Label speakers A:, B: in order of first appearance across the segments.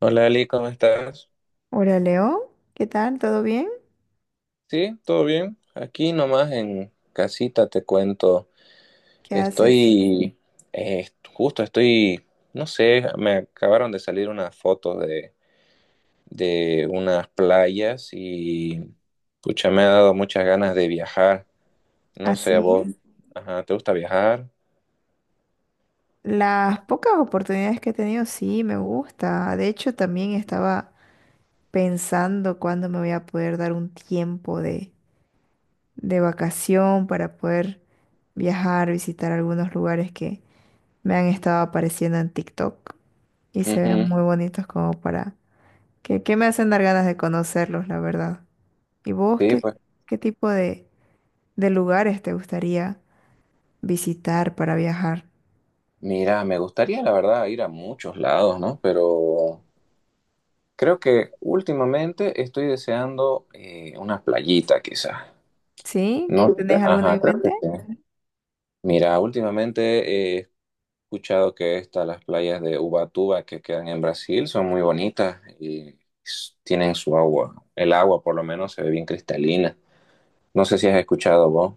A: Hola Ali, ¿cómo estás?
B: Hola Leo, ¿qué tal? ¿Todo bien?
A: Sí, todo bien. Aquí nomás en casita te cuento.
B: ¿Qué haces?
A: Estoy, Justo estoy, no sé, me acabaron de salir unas fotos de unas playas y pucha, me ha dado muchas ganas de viajar. No sé, a vos,
B: Así.
A: ajá, ¿te gusta viajar?
B: Las pocas oportunidades que he tenido, sí, me gusta. De hecho, también estaba pensando cuándo me voy a poder dar un tiempo de vacación para poder viajar, visitar algunos lugares que me han estado apareciendo en TikTok y se ven
A: Ujú.
B: muy bonitos como para que me hacen dar ganas de conocerlos, la verdad. ¿Y vos
A: Sí,
B: qué,
A: pues
B: qué tipo de lugares te gustaría visitar para viajar?
A: mira, me gustaría la verdad ir a muchos lados, ¿no? Pero creo que últimamente estoy deseando una playita quizás.
B: ¿Sí?
A: No,
B: ¿Tenés alguna
A: ajá,
B: en
A: creo que
B: mente?
A: sí. Mira, últimamente he escuchado que estas, las playas de Ubatuba que quedan en Brasil, son muy bonitas y tienen su agua. El agua, por lo menos, se ve bien cristalina. No sé si has escuchado vos.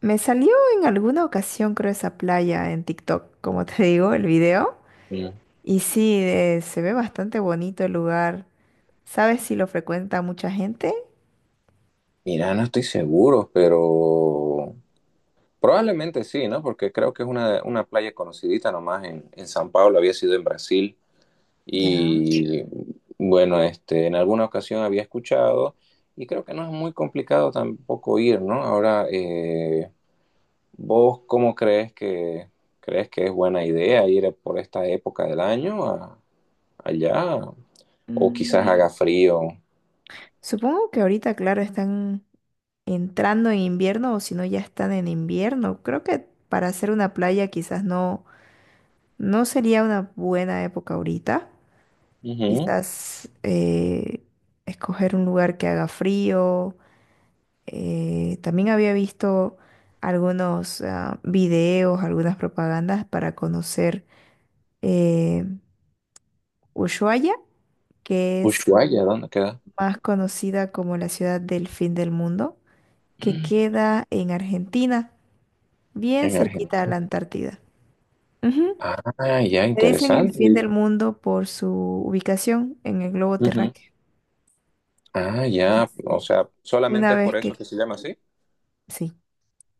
B: Me salió en alguna ocasión, creo, esa playa en TikTok, como te digo, el video.
A: Mm.
B: Y sí, se ve bastante bonito el lugar. ¿Sabes si lo frecuenta mucha gente?
A: Mira, no estoy seguro, pero probablemente sí, ¿no? Porque creo que es una playa conocidita nomás en San Pablo, había sido en Brasil.
B: Ya.
A: Y bueno, este, en alguna ocasión había escuchado y creo que no es muy complicado tampoco ir, ¿no? Ahora, ¿vos cómo crees que es buena idea ir por esta época del año allá? O quizás
B: Mm,
A: haga frío.
B: Supongo que ahorita, claro, están entrando en invierno o si no ya están en invierno. Creo que para hacer una playa quizás no, no sería una buena época ahorita.
A: Ujú.
B: Quizás escoger un lugar que haga frío. También había visto algunos videos, algunas propagandas para conocer eh, Ushuaia, que es
A: Ushuaia, ¿dónde queda?
B: más conocida como la ciudad del fin del mundo, que queda en Argentina, bien
A: En Argentina.
B: cerquita a la Antártida. Ujú.
A: Ah, ya,
B: Le dicen el
A: interesante.
B: fin del mundo por su ubicación en el globo
A: Ujú.
B: terráqueo.
A: Ah, ya,
B: Entonces,
A: o
B: sí,
A: sea,
B: una
A: solamente es
B: vez
A: por
B: que...
A: eso que se llama así.
B: sí.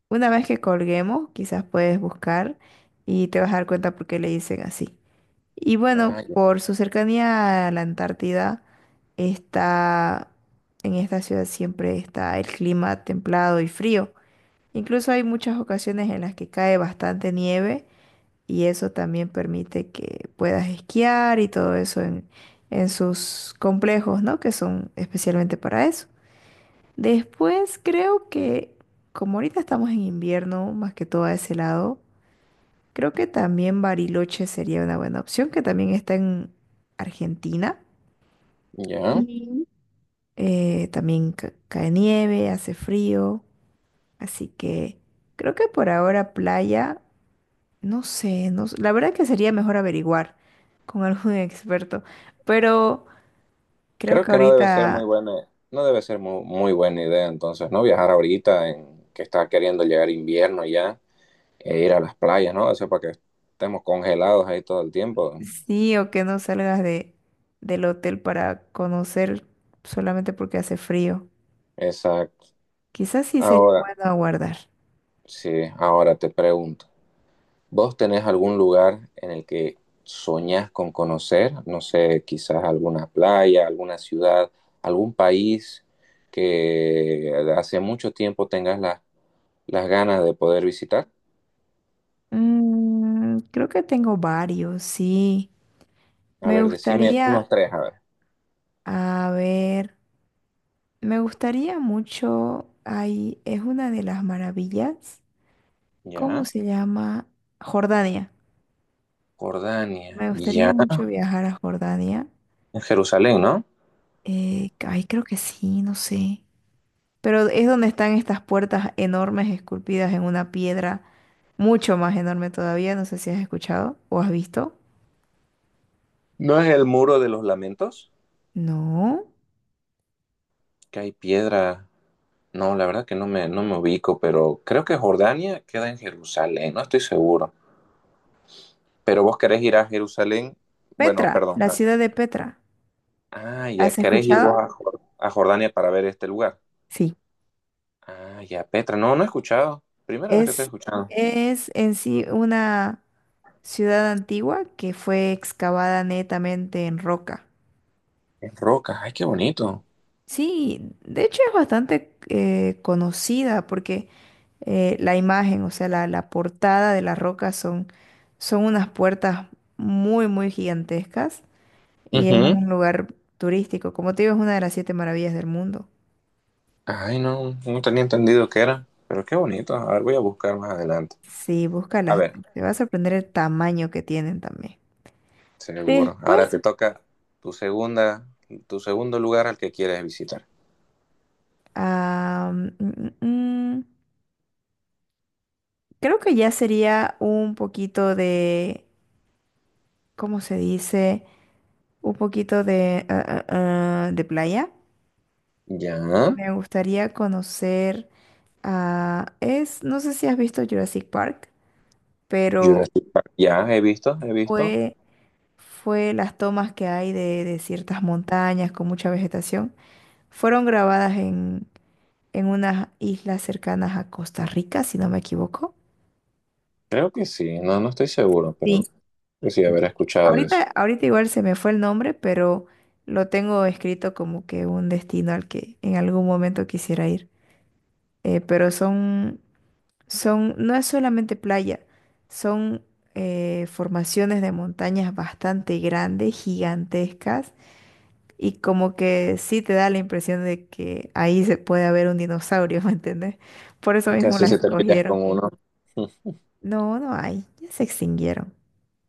B: Una vez que colguemos, quizás puedes buscar y te vas a dar cuenta por qué le dicen así. Y bueno,
A: Ah, ya.
B: por su cercanía a la Antártida, está, en esta ciudad siempre está el clima templado y frío. Incluso hay muchas ocasiones en las que cae bastante nieve y eso también permite que puedas esquiar y todo eso en sus complejos, ¿no? Que son especialmente para eso. Después creo que, como ahorita estamos en invierno, más que todo a ese lado, creo que también Bariloche sería una buena opción, que también está en Argentina.
A: Ya.
B: y También cae nieve, hace frío, así que creo que por ahora playa, no sé, no, s- la verdad que sería mejor averiguar con algún experto, pero creo
A: Creo
B: que
A: que no debe ser muy
B: ahorita
A: buena, no debe ser mu- muy, buena idea entonces, ¿no? Viajar ahorita en que está queriendo llegar invierno ya e ir a las playas, ¿no? Eso para que estemos congelados ahí todo el tiempo.
B: sí, o que no salgas del hotel para conocer solamente porque hace frío.
A: Exacto.
B: Quizás sí sería
A: Ahora,
B: bueno aguardar.
A: sí, ahora te pregunto, ¿vos tenés algún lugar en el que soñás con conocer? No sé, quizás alguna playa, alguna ciudad, algún país que hace mucho tiempo tengas las ganas de poder visitar.
B: Mm, creo que tengo varios, sí.
A: A
B: Me
A: ver, decime
B: gustaría,
A: unos tres, a ver.
B: a ver, me gustaría mucho, ahí es una de las maravillas, ¿cómo
A: Ya,
B: se llama? Jordania.
A: Jordania,
B: Me
A: ya,
B: gustaría mucho viajar a Jordania.
A: en Jerusalén, ¿no?
B: Ay, creo que sí, no sé. Pero es donde están estas puertas enormes esculpidas en una piedra mucho más enorme todavía. No sé si has escuchado o has visto.
A: ¿No es el muro de los lamentos?
B: No.
A: Que hay piedra. No, la verdad que no me ubico, pero creo que Jordania queda en Jerusalén, no estoy seguro. Pero vos querés ir a Jerusalén, bueno,
B: Petra,
A: perdón.
B: la
A: Ah,
B: ciudad de Petra.
A: ah, ya,
B: ¿Has
A: querés ir vos
B: escuchado?
A: a, a Jordania para ver este lugar.
B: Sí.
A: Ah, ya, Petra, no, no he escuchado. Primera vez que estoy
B: Es,
A: escuchando.
B: es en sí una ciudad antigua que fue excavada netamente en roca.
A: Es roca, ay, qué bonito.
B: Sí, de hecho es bastante conocida porque la imagen, o sea, la portada de la roca son unas puertas muy, muy gigantescas y es
A: Ujú.
B: un lugar turístico. Como te digo, es una de las siete maravillas del mundo.
A: Ay, no, no tenía entendido qué era, pero qué bonito. A ver, voy a buscar más adelante.
B: Sí,
A: A
B: búscalas,
A: ver.
B: te va a sorprender el tamaño que tienen también.
A: Seguro. Ahora
B: Después,
A: te toca tu segunda, tu segundo lugar al que quieres visitar.
B: ah, mm, mm, mm, creo que ya sería un poquito de, ¿cómo se dice? Un poquito de, de playa.
A: Ya,
B: Me gustaría conocer no sé si has visto Jurassic Park, pero
A: Jurassic Park. Ya, he visto, he visto.
B: fue, fue las tomas que hay de ciertas montañas con mucha vegetación. Fueron grabadas en unas islas cercanas a Costa Rica, si no me equivoco.
A: Creo que sí, no, no estoy seguro, pero
B: Sí,
A: sí haber escuchado de
B: ahorita,
A: eso.
B: ahorita igual se me fue el nombre, pero lo tengo escrito como que un destino al que en algún momento quisiera ir. Eh, pero son no es solamente playa, son formaciones de montañas bastante grandes, gigantescas, y como que sí te da la impresión de que ahí se puede haber un dinosaurio, ¿me entiendes? Por eso mismo
A: Casi
B: las
A: si te pillas con
B: escogieron.
A: uno.
B: No, no hay, ya se extinguieron.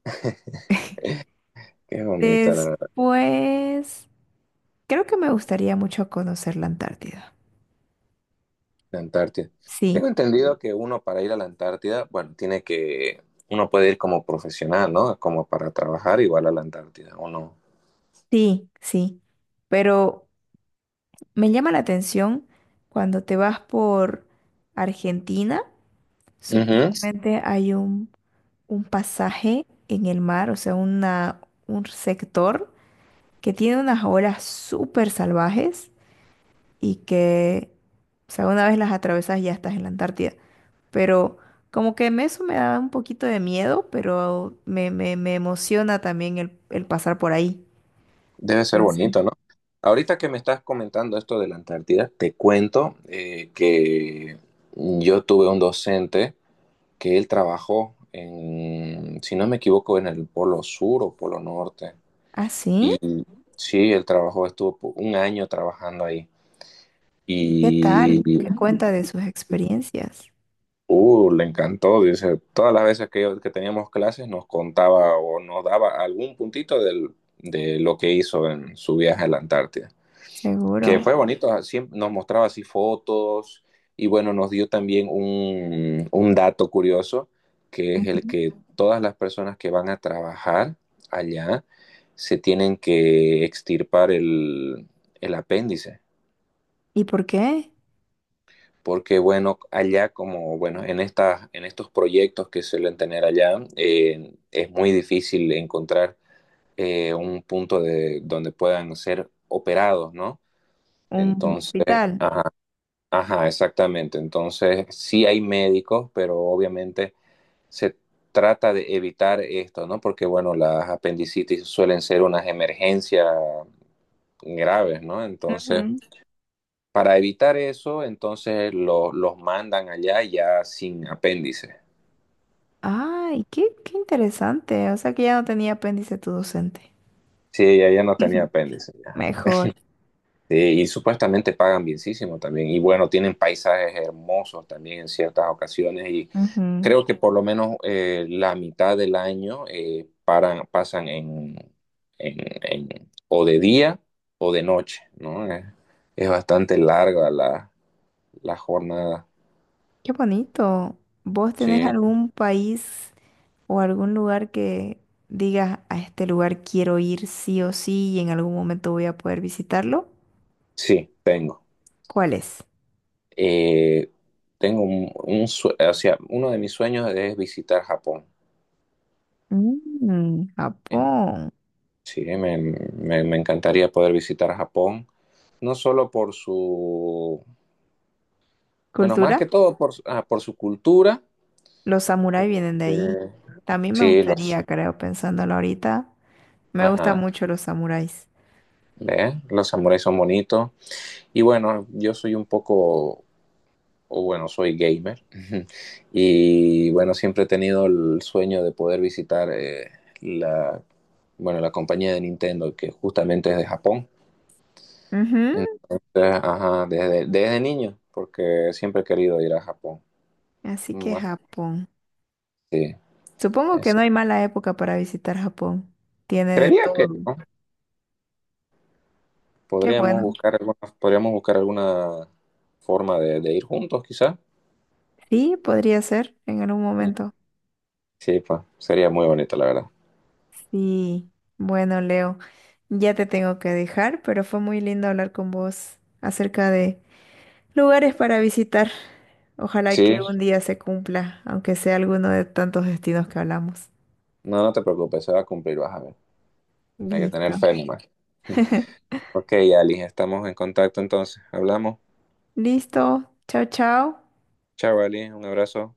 A: Qué bonita
B: Después, creo que me gustaría mucho conocer la Antártida.
A: la Antártida.
B: Sí,
A: Tengo entendido que uno para ir a la Antártida, bueno, tiene que, uno puede ir como profesional, ¿no? Como para trabajar igual a la Antártida, ¿o no?
B: sí. Pero me llama la atención cuando te vas por Argentina.
A: Ujú.
B: Supuestamente hay un pasaje en el mar, o sea, un sector que tiene unas olas súper salvajes y que, o sea, una vez las atravesas ya estás en la Antártida. Pero como que eso me da un poquito de miedo, pero me emociona también el pasar por ahí.
A: Debe ser
B: Entonces,
A: bonito, ¿no? Ahorita que me estás comentando esto de la Antártida, te cuento que yo tuve un docente que él trabajó en, si no me equivoco, en el Polo Sur o Polo Norte.
B: ¿ah, sí?
A: Sí, él trabajó, estuvo un año trabajando ahí
B: ¿Y qué
A: y
B: tal? ¿Qué cuenta de sus experiencias?
A: le encantó. Dice, todas las veces que teníamos clases nos contaba o nos daba algún puntito de lo que hizo en su viaje a la Antártida. Que
B: Seguro.
A: fue bonito, siempre nos mostraba así fotos y bueno, nos dio también un dato curioso, que es el
B: Ujú.
A: que todas las personas que van a trabajar allá se tienen que extirpar el apéndice,
B: ¿Y por qué?
A: porque bueno, allá como bueno, estas en estos proyectos que suelen tener allá, es muy difícil encontrar un punto de, donde puedan ser operados, ¿no?
B: Un
A: Entonces,
B: hospital.
A: ajá, Ajá, exactamente. Entonces, sí hay médicos, pero obviamente se trata de evitar esto, ¿no? Porque, bueno, las apendicitis suelen ser unas emergencias graves, ¿no? Entonces, para evitar eso, entonces los mandan allá ya sin apéndice.
B: Ay, qué interesante. O sea que ya no tenía apéndice tu docente.
A: Sí, ella ya no tenía
B: Ujú.
A: apéndice.
B: Mejor.
A: Sí, y supuestamente pagan bienísimo también. Y bueno, tienen paisajes hermosos también en ciertas ocasiones. Y
B: Ujú.
A: creo que por lo menos la mitad del año paran, pasan en, en- o de día o de noche, ¿no? Es bastante larga la jornada.
B: Qué bonito. ¿Vos tenés
A: Sí,
B: algún país o algún lugar que digas a este lugar quiero ir sí o sí y en algún momento voy a poder visitarlo?
A: sí, tengo.
B: ¿Cuál es?
A: Eh, tengo un o sea, uno de mis sueños es visitar Japón.
B: Mm,
A: ¿Eh?
B: Japón.
A: Sí, me encantaría poder visitar Japón. No solo por su, bueno, más
B: ¿Cultura?
A: que todo por, por su cultura.
B: Los samuráis vienen de ahí.
A: Eh,
B: También me
A: sí, los,
B: gustaría, creo, pensándolo ahorita. Me gustan
A: ajá,
B: mucho los samuráis.
A: ¿ve? Los samuráis son bonitos. Y bueno, yo soy un poco, o bueno, soy gamer. Y bueno, siempre he tenido el sueño de poder visitar la, bueno, la compañía de Nintendo, que justamente es de Japón.
B: Ujú.
A: Entonces, ajá, desde niño, porque siempre he querido ir a Japón.
B: Así que
A: Más,
B: Japón.
A: sí,
B: Supongo que no
A: ese-
B: hay mala época para visitar Japón. Tiene de
A: Creería que
B: todo.
A: no.
B: Qué bueno.
A: Podríamos buscar alguna forma de ir juntos, quizás.
B: Sí, podría ser en algún momento.
A: Sí, pues, sería muy bonito, la verdad.
B: Sí. Bueno, Leo, ya te tengo que dejar, pero fue muy lindo hablar con vos acerca de lugares para visitar. Ojalá
A: Sí,
B: que un día se cumpla, aunque sea alguno de tantos destinos que hablamos.
A: no, no te preocupes, se va a cumplir, vas a ver. Hay que tener
B: Listo.
A: fe nomás. Ok, Ali, estamos en contacto entonces. Hablamos.
B: Listo. Chao, chao.
A: Chao, Ali, un abrazo.